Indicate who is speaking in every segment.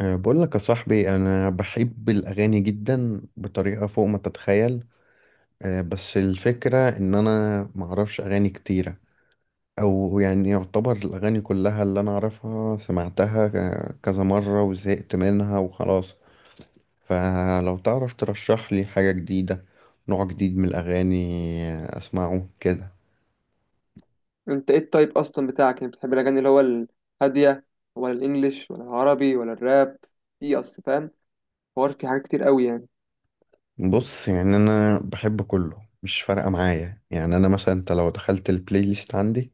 Speaker 1: بقول لك يا صاحبي انا بحب الاغاني جدا بطريقه فوق ما تتخيل. بس الفكره ان انا معرفش اغاني كتيره، او يعني يعتبر الاغاني كلها اللي انا اعرفها سمعتها كذا مره وزهقت منها وخلاص. فلو تعرف ترشح لي حاجه جديده، نوع جديد من الاغاني اسمعه كده.
Speaker 2: انت ايه التايب اصلا بتاعك؟ يعني بتحب الاغاني اللي هو الهاديه ولا الانجليش ولا العربي ولا الراب؟ في اصل فاهم حوار في حاجات كتير قوي يعني.
Speaker 1: بص يعني انا بحب كله، مش فارقه معايا. يعني انا مثلا انت لو دخلت البلاي ليست عندي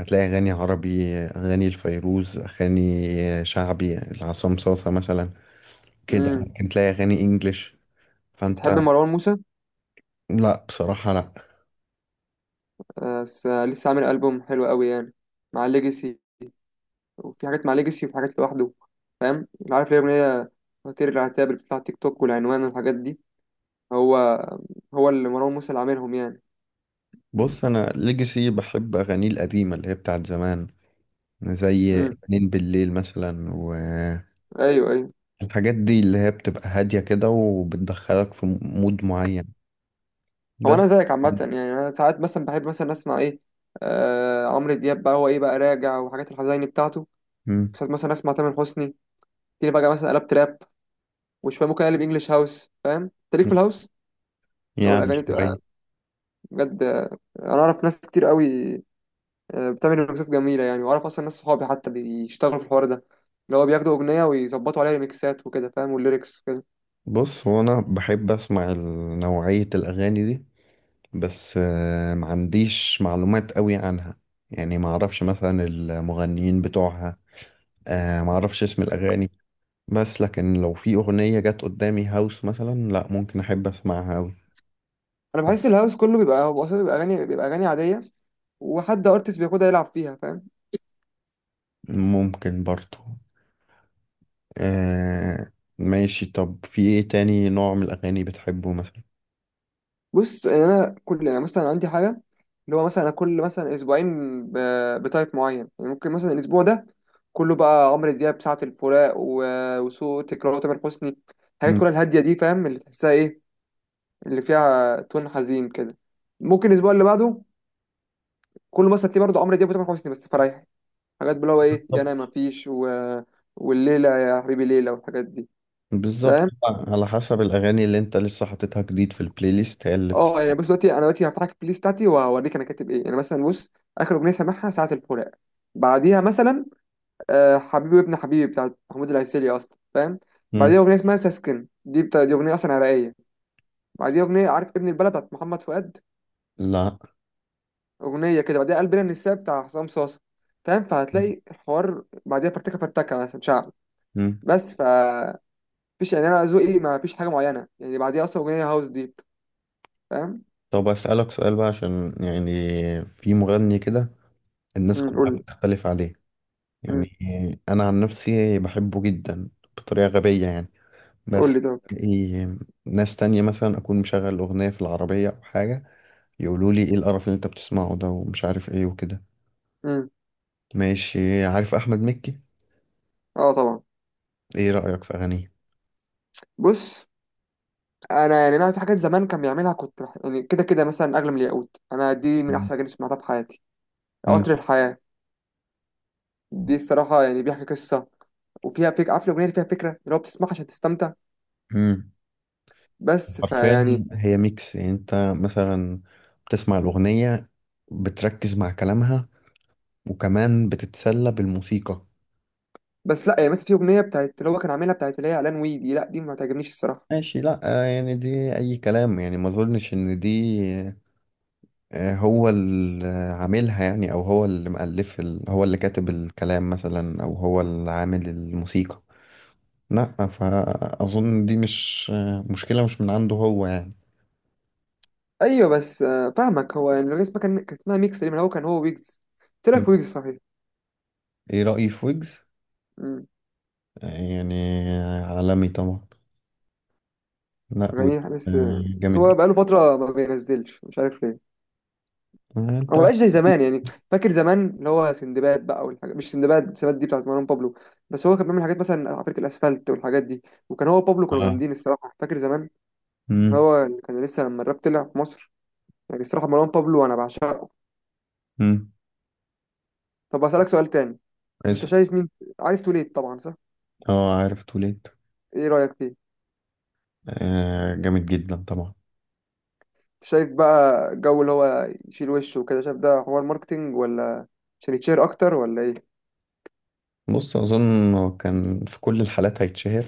Speaker 1: هتلاقي أغاني عربي، أغاني الفيروز، أغاني شعبي العصام صاصة مثلا، كده
Speaker 2: امم،
Speaker 1: ممكن تلاقي أغاني إنجليش. فأنت...
Speaker 2: بتحب مروان موسى؟
Speaker 1: لا بصراحة لا.
Speaker 2: آه، لسه عامل البوم حلو قوي يعني مع ليجاسي، وفي حاجات مع ليجاسي وفي حاجات لوحده. فاهم؟ عارف ليه اغنيه فطير العتاب اللي بتطلع تيك توك والعنوان والحاجات دي؟ هو هو اللي مروان موسى اللي عاملهم يعني.
Speaker 1: بص أنا ليجاسي بحب أغانيه القديمة اللي هي بتاعت زمان، زي
Speaker 2: امم،
Speaker 1: اتنين بالليل مثلا، والحاجات
Speaker 2: ايوه ايوه.
Speaker 1: دي اللي هي بتبقى هادية كده وبتدخلك في مود معين.
Speaker 2: هو
Speaker 1: بس.
Speaker 2: انا زيك عامه، يعني انا ساعات مثلا بحب مثلا اسمع ايه؟ آه، عمرو دياب بقى، هو ايه بقى راجع وحاجات الحزيني بتاعته.
Speaker 1: مم.
Speaker 2: ساعات مثلا اسمع تامر حسني، تيجي بقى مثلا قلب تراب. وشويه ممكن اقلب انجلش هاوس. فاهم انت ليك في الهاوس؟ لو
Speaker 1: يعني
Speaker 2: الاغاني بتبقى
Speaker 1: شوية.
Speaker 2: بجد، انا اعرف ناس كتير قوي، بتعمل ريمكسات جميله يعني. واعرف اصلا ناس صحابي حتى بيشتغلوا في الحوار ده، اللي هو بياخدوا اغنيه ويظبطوا عليها ريمكسات وكده، فاهم؟ والليركس وكده.
Speaker 1: بص هو أنا بحب أسمع نوعية الأغاني دي، بس ما عنديش معلومات قوي عنها. يعني ما اعرفش مثلا المغنيين بتوعها، ما اعرفش اسم الاغاني. بس لكن لو في اغنية جت قدامي هاوس مثلا، لا ممكن احب اسمعها قوي.
Speaker 2: انا بحس الهاوس كله بيبقى هو اصلا بيبقى اغاني، بيبقى اغاني عاديه، وحد ارتست بياخدها يلعب فيها، فاهم؟
Speaker 1: ممكن برضو. آه، ماشي طب في ايه تاني نوع من الاغاني بتحبه مثلا؟
Speaker 2: بص يعني انا كل يعني مثلا عندي حاجه اللي هو، مثلا انا كل مثلا اسبوعين بتايب معين. يعني ممكن مثلا الاسبوع ده كله بقى عمرو دياب، ساعة الفراق وسوء، تكرار تامر حسني، الحاجات
Speaker 1: مم،
Speaker 2: كلها الهاديه دي، فاهم؟ اللي تحسها ايه اللي فيها تون حزين كده. ممكن الاسبوع اللي بعده كله مثلا تلاقيه برضه عمرو دياب وتامر حسني، بس فرايح. حاجات اللي هو ايه، يا
Speaker 1: بالظبط.
Speaker 2: انا مفيش والليله يا حبيبي ليله والحاجات دي.
Speaker 1: بالظبط.
Speaker 2: فاهم؟
Speaker 1: على حسب الاغاني اللي انت لسه حاططها جديد في البلاي ليست هي اللي بت...
Speaker 2: اه يعني بص دلوقتي، انا دلوقتي هفتح لك البلاي ليست بتاعتي واوريك انا كاتب ايه يعني. مثلا بص، اخر اغنيه سامعها ساعه الفراق. بعديها مثلا، حبيبي ابن حبيبي بتاعت محمود العسيلي اصلا، فاهم؟
Speaker 1: مم،
Speaker 2: بعديها اغنيه اسمها ساسكن، دي بتاع، دي اغنيه اصلا عراقيه. بعديها اغنيه عارف ابن البلد بتاعت محمد فؤاد،
Speaker 1: لا
Speaker 2: اغنيه كده. بعديها قلبنا النساء بتاع حسام صاصا، فاهم؟ فهتلاقي الحوار بعديها فرتكه فرتكه، مثلا شعب.
Speaker 1: مم.
Speaker 2: بس ف فيش، يعني انا ذوقي ما فيش حاجه معينه يعني. بعديها اصلا اغنيه هاوس ديب، فاهم؟
Speaker 1: طب أسألك سؤال بقى عشان يعني في مغني كده الناس
Speaker 2: قول
Speaker 1: كلها
Speaker 2: لي.
Speaker 1: بتختلف عليه، يعني
Speaker 2: امم،
Speaker 1: أنا عن نفسي بحبه جدا بطريقة غبية يعني.
Speaker 2: قول
Speaker 1: بس
Speaker 2: لي طب.
Speaker 1: إيه، ناس تانية مثلا أكون مشغل أغنية في العربية أو حاجة، يقولوا لي إيه القرف اللي أنت بتسمعه ده، ومش عارف إيه وكده.
Speaker 2: امم،
Speaker 1: ماشي، عارف أحمد مكي؟
Speaker 2: اه طبعا.
Speaker 1: إيه رأيك في أغانيه؟
Speaker 2: بص انا يعني، انا في حاجات زمان كان بيعملها كنت يعني كده كده مثلا اغلى من الياقوت، انا دي من احسن اغاني سمعتها في حياتي.
Speaker 1: مم.
Speaker 2: قطر الحياه، دي الصراحه يعني بيحكي قصه وفيها فكره. عارف الاغنيه اللي فيها فكره اللي هو بتسمعها عشان تستمتع؟
Speaker 1: مم.
Speaker 2: بس
Speaker 1: حرفيا
Speaker 2: فيعني
Speaker 1: هي ميكس. يعني أنت مثلا بتسمع الأغنية، بتركز مع كلامها، وكمان بتتسلى بالموسيقى.
Speaker 2: بس لا يعني مثلا في اغنيه بتاعت اللي هو كان عاملها، بتاعت اللي هي اعلان ويدي، لا دي ما تعجبنيش الصراحه.
Speaker 1: ماشي، لا يعني دي أي كلام. يعني ما أظنش إن دي هو اللي عاملها، يعني أو هو اللي مؤلف هو اللي كاتب الكلام مثلا، أو هو اللي عامل الموسيقى. لا فأظن دي مش مشكلة، مش من عنده هو يعني.
Speaker 2: ايوه بس فاهمك. هو يعني الاغنيه اسمها كان، كانت اسمها ميكس، اللي هو كان هو ويجز. طلع
Speaker 1: م.
Speaker 2: في ويجز صحيح.
Speaker 1: إيه رأيي في ويجز؟
Speaker 2: أمم،
Speaker 1: يعني عالمي طبعا. لا ويجز
Speaker 2: غنيها بس.
Speaker 1: آه،
Speaker 2: بس
Speaker 1: جامد
Speaker 2: هو
Speaker 1: جدا.
Speaker 2: بقاله فتره ما بينزلش، مش عارف ليه.
Speaker 1: أنت.
Speaker 2: انا ما بقاش زي زمان يعني. فاكر زمان اللي هو سندباد بقى والحاجات، مش سندباد، سندباد دي بتاعت مروان بابلو. بس هو كان بيعمل حاجات مثلا عفريت الاسفلت والحاجات دي. وكان هو بابلو كانوا
Speaker 1: آه.
Speaker 2: جامدين الصراحه، فاكر زمان.
Speaker 1: م-
Speaker 2: هو اللي كان لسه لما الراب طلع في مصر يعني. الصراحه مروان بابلو انا بعشقه.
Speaker 1: م.
Speaker 2: طب اسالك سؤال تاني. انت
Speaker 1: اسأل.
Speaker 2: شايف مين؟ عارف توليت طبعا، صح؟
Speaker 1: اه، عارف توليت.
Speaker 2: ايه رايك فيه؟
Speaker 1: جامد جدا طبعا.
Speaker 2: انت شايف بقى الجو اللي هو يشيل وشه وكده، شايف ده حوار ماركتينج ولا عشان يتشير اكتر ولا ايه؟
Speaker 1: بص اظن هو كان في كل الحالات هيتشهر،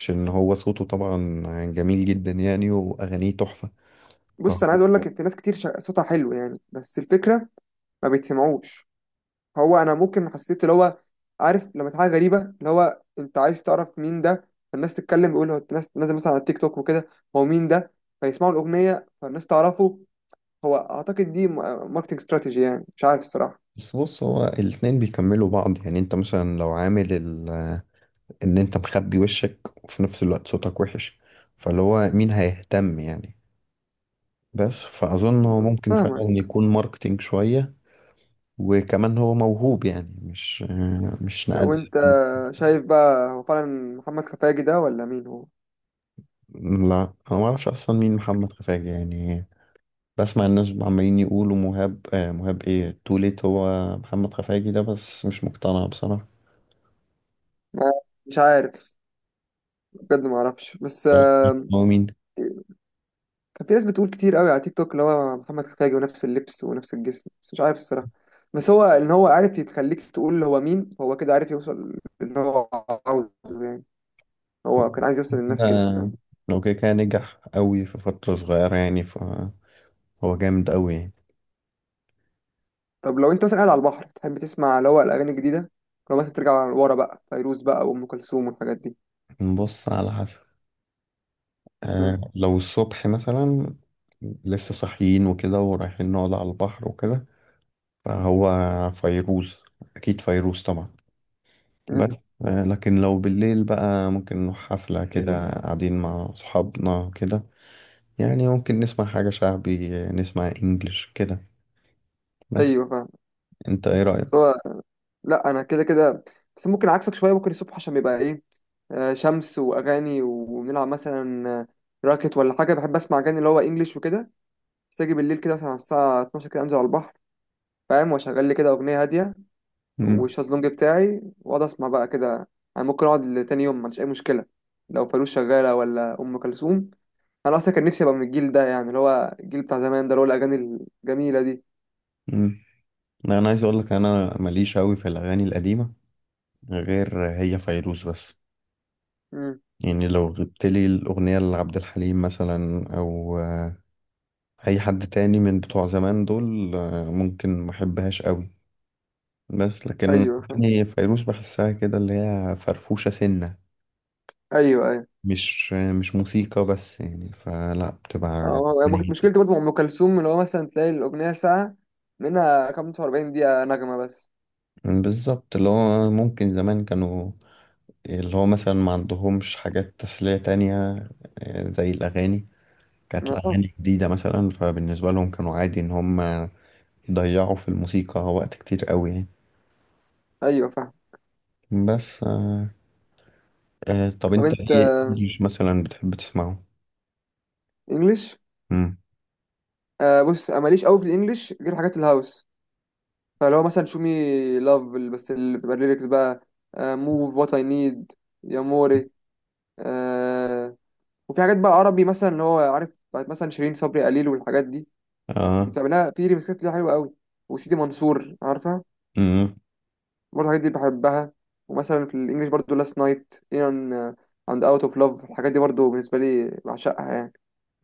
Speaker 1: عشان هو صوته طبعا جميل جدا يعني، واغانيه تحفه.
Speaker 2: بص انا
Speaker 1: فهو...
Speaker 2: عايز اقول لك في ناس كتير صوتها حلو يعني، بس الفكره ما بيتسمعوش. هو انا ممكن حسيت اللي هو، عارف لما حاجه غريبه اللي هو انت عايز تعرف مين ده، فالناس تتكلم يقول هو، الناس نازل مثلا على التيك توك وكده، هو مين ده؟ فيسمعوا الاغنيه، فالناس تعرفه. هو اعتقد دي ماركتنج استراتيجي يعني، مش عارف الصراحه.
Speaker 1: بس بص، هو الاتنين بيكملوا بعض. يعني انت مثلا لو عامل ال... ان انت مخبي وشك وفي نفس الوقت صوتك وحش، فاللي هو مين هيهتم يعني؟ بس فاظن هو ممكن فعلا
Speaker 2: فاهمك.
Speaker 1: يكون ماركتينج شويه، وكمان هو موهوب، يعني مش نقد.
Speaker 2: وانت شايف بقى، هو فعلا محمد خفاجي ده ولا مين هو؟
Speaker 1: لا انا ما اعرفش اصلا مين محمد خفاجي يعني. بسمع الناس عمالين يقولوا مهاب، آه مهاب ايه توليت هو محمد خفاجي ده، بس مش مقتنع بصراحة.
Speaker 2: ما- مش عارف بجد، ما اعرفش، بس
Speaker 1: آه،
Speaker 2: آه،
Speaker 1: هو مين؟
Speaker 2: كان في ناس بتقول كتير قوي على تيك توك اللي هو محمد خفاجي، ونفس اللبس ونفس الجسم، بس مش عارف الصراحة. بس هو ان هو عارف يتخليك تقول هو مين، هو كده عارف يوصل اللي هو عاوزه يعني. هو كان عايز يوصل للناس كده،
Speaker 1: كده-
Speaker 2: فاهم؟
Speaker 1: لو كده كان نجح قوي في فترة صغيرة يعني، فهو جامد قوي يعني.
Speaker 2: طب لو انت مثلا قاعد على البحر، تحب تسمع اللي هو الاغاني الجديدة، لو مثلا ترجع ورا بقى فيروز بقى وام كلثوم والحاجات دي؟
Speaker 1: نبص على حسب.
Speaker 2: مم.
Speaker 1: لو الصبح مثلا لسه صاحيين وكده ورايحين نقعد على البحر وكده، فهو فيروز، أكيد فيروز طبعا.
Speaker 2: مم.
Speaker 1: بس لكن لو بالليل بقى ممكن نروح حفلة كده قاعدين مع صحابنا كده، يعني ممكن نسمع حاجة شعبي، نسمع انجلش كده. بس
Speaker 2: ايوه فاهم.
Speaker 1: انت ايه رأيك؟
Speaker 2: بس هو لا، انا كده كده، بس ممكن عكسك شوية. ممكن الصبح عشان بيبقى ايه، شمس واغاني ونلعب مثلا راكت ولا حاجة، بحب اسمع اغاني اللي هو انجليش وكده. بس اجي بالليل كده مثلا على الساعه 12 كده، انزل على البحر، فاهم؟ واشغل لي كده اغنيه هاديه
Speaker 1: مم.
Speaker 2: والشازلونج بتاعي، واقعد اسمع بقى كده. انا ممكن اقعد لتاني يوم ما عنديش اي مشكله، لو فانوس شغاله ولا ام كلثوم. انا اصلا كان نفسي ابقى من الجيل ده يعني، اللي هو الجيل بتاع زمان ده اللي هو الاغاني الجميله دي.
Speaker 1: مم. لا، انا عايز اقول لك انا ماليش قوي في الاغاني القديمة، غير هي فيروز بس.
Speaker 2: امم،
Speaker 1: يعني لو جبت لي الاغنية لعبد الحليم مثلا او اي حد تاني من بتوع زمان دول، ممكن ما احبهاش قوي. بس لكن
Speaker 2: ايوه فاهم.
Speaker 1: يعني فيروز بحسها كده اللي هي فرفوشة سنة،
Speaker 2: ايوه ايوه.
Speaker 1: مش موسيقى بس يعني، فلا بتبقى
Speaker 2: اه يعني ما كنت
Speaker 1: جميلة.
Speaker 2: مشكلتي برضه مع ام كلثوم، اللي هو مثلا تلاقي الاغنيه ساعه، منها 45 دقيقه نغمه بس.
Speaker 1: بالظبط، اللي هو ممكن زمان كانوا اللي هو مثلا ما عندهمش حاجات تسلية تانية زي الأغاني. كانت
Speaker 2: آه،
Speaker 1: الأغاني جديدة مثلا، فبالنسبة لهم كانوا عادي إن هم يضيعوا في الموسيقى وقت كتير قوي يعني.
Speaker 2: ايوه فاهم.
Speaker 1: بس طب
Speaker 2: طب
Speaker 1: أنت
Speaker 2: انت
Speaker 1: إيه إنجليش مثلا بتحب تسمعه؟
Speaker 2: انجلش،
Speaker 1: مم.
Speaker 2: آه بص أنا ماليش قوي في الانجليش غير حاجات الهاوس. فلو مثلا شو مي لاف، بس اللي بتبقى الليركس بقى، موف وات اي نيد، يا موري، آه. وفي حاجات بقى عربي مثلا، اللي هو عارف بتاعت مثلا شيرين صبري قليل والحاجات دي،
Speaker 1: آه.
Speaker 2: بتعملها في ريميكسات ليها حلوه قوي. وسيدي منصور عارفها؟
Speaker 1: مم.
Speaker 2: برضه الحاجات دي بحبها. ومثلا في الانجليش برضه لاست نايت ان، اند اوت اوف لاف، الحاجات دي برضه بالنسبه لي بعشقها يعني،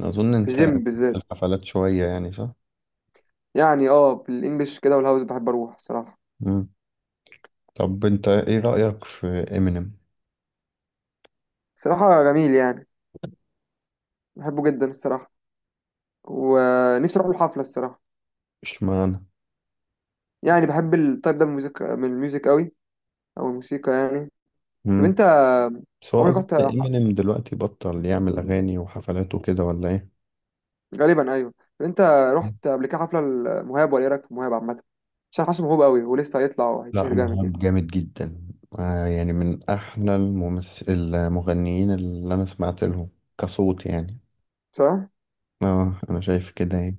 Speaker 1: أظن
Speaker 2: في
Speaker 1: أنت
Speaker 2: الجيم
Speaker 1: في
Speaker 2: بالذات.
Speaker 1: الحفلات شوية يعني صح؟
Speaker 2: يعني اه في الانجليش كده والهاوس بحب اروح الصراحه.
Speaker 1: مم. طب أنت إيه رأيك في إمينيم؟
Speaker 2: صراحه جميل يعني، بحبه جدا الصراحه. ونفسي اروح الحفله الصراحه.
Speaker 1: اشمعنى؟
Speaker 2: يعني بحب التايب ده من الميوزك، من الميوزك قوي، او الموسيقى يعني. طب انت
Speaker 1: بس هو
Speaker 2: عمرك
Speaker 1: أظن
Speaker 2: رحت
Speaker 1: إمينيم دلوقتي بطل يعمل أغاني وحفلات وكده ولا إيه؟
Speaker 2: غالبا ايوه. طب انت رحت قبل كده حفله المهاب؟ ولا ايه رايك في المهاب عامه؟ عشان حاسه موهوب قوي ولسه هيطلع
Speaker 1: لا
Speaker 2: وهيتشهر جامد يعني.
Speaker 1: مهاب جامد جدا. يعني من أحلى الممثل المغنيين اللي أنا سمعت لهم كصوت يعني.
Speaker 2: صح.
Speaker 1: أنا شايف كده يعني.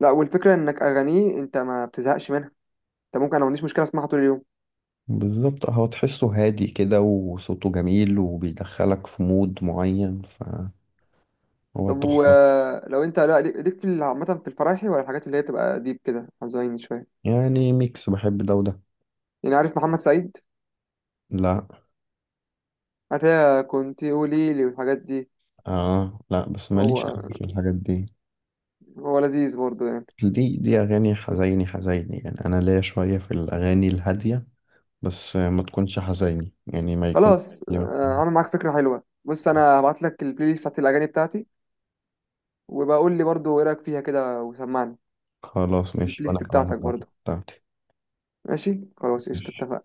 Speaker 2: لا والفكره انك اغانيه انت ما بتزهقش منها. انت ممكن، انا ما عنديش مشكله اسمعها طول اليوم.
Speaker 1: بالظبط، هو تحسه هادي كده وصوته جميل وبيدخلك في مود معين فهو
Speaker 2: طب
Speaker 1: تحفة.
Speaker 2: ولو انت، لا ليك في عامه في الفرايحي، ولا الحاجات اللي هي تبقى ديب كده حزين شويه؟
Speaker 1: يعني ميكس، بحب ده وده.
Speaker 2: يعني عارف محمد سعيد؟
Speaker 1: لا.
Speaker 2: هتلاقي كنت قولي لي والحاجات دي.
Speaker 1: لا بس
Speaker 2: هو
Speaker 1: ماليش أوي في الحاجات دي.
Speaker 2: هو لذيذ برضه يعني.
Speaker 1: دي أغاني حزيني حزيني، يعني أنا ليا شوية في الأغاني الهادية بس ما تكونش حزيني، يعني ما يكون...
Speaker 2: خلاص آه، عامل معاك فكرة حلوة. بص أنا هبعت لك البلاي ليست بتاعت الأغاني بتاعتي، وبقول لي برضو إيه رأيك فيها كده وسمعني.
Speaker 1: خلاص
Speaker 2: البلاي
Speaker 1: ماشي، وأنا
Speaker 2: ليست
Speaker 1: كمان
Speaker 2: بتاعتك
Speaker 1: هبعتلك
Speaker 2: برضو.
Speaker 1: بتاعتي.
Speaker 2: ماشي خلاص، قشطة اتفقنا.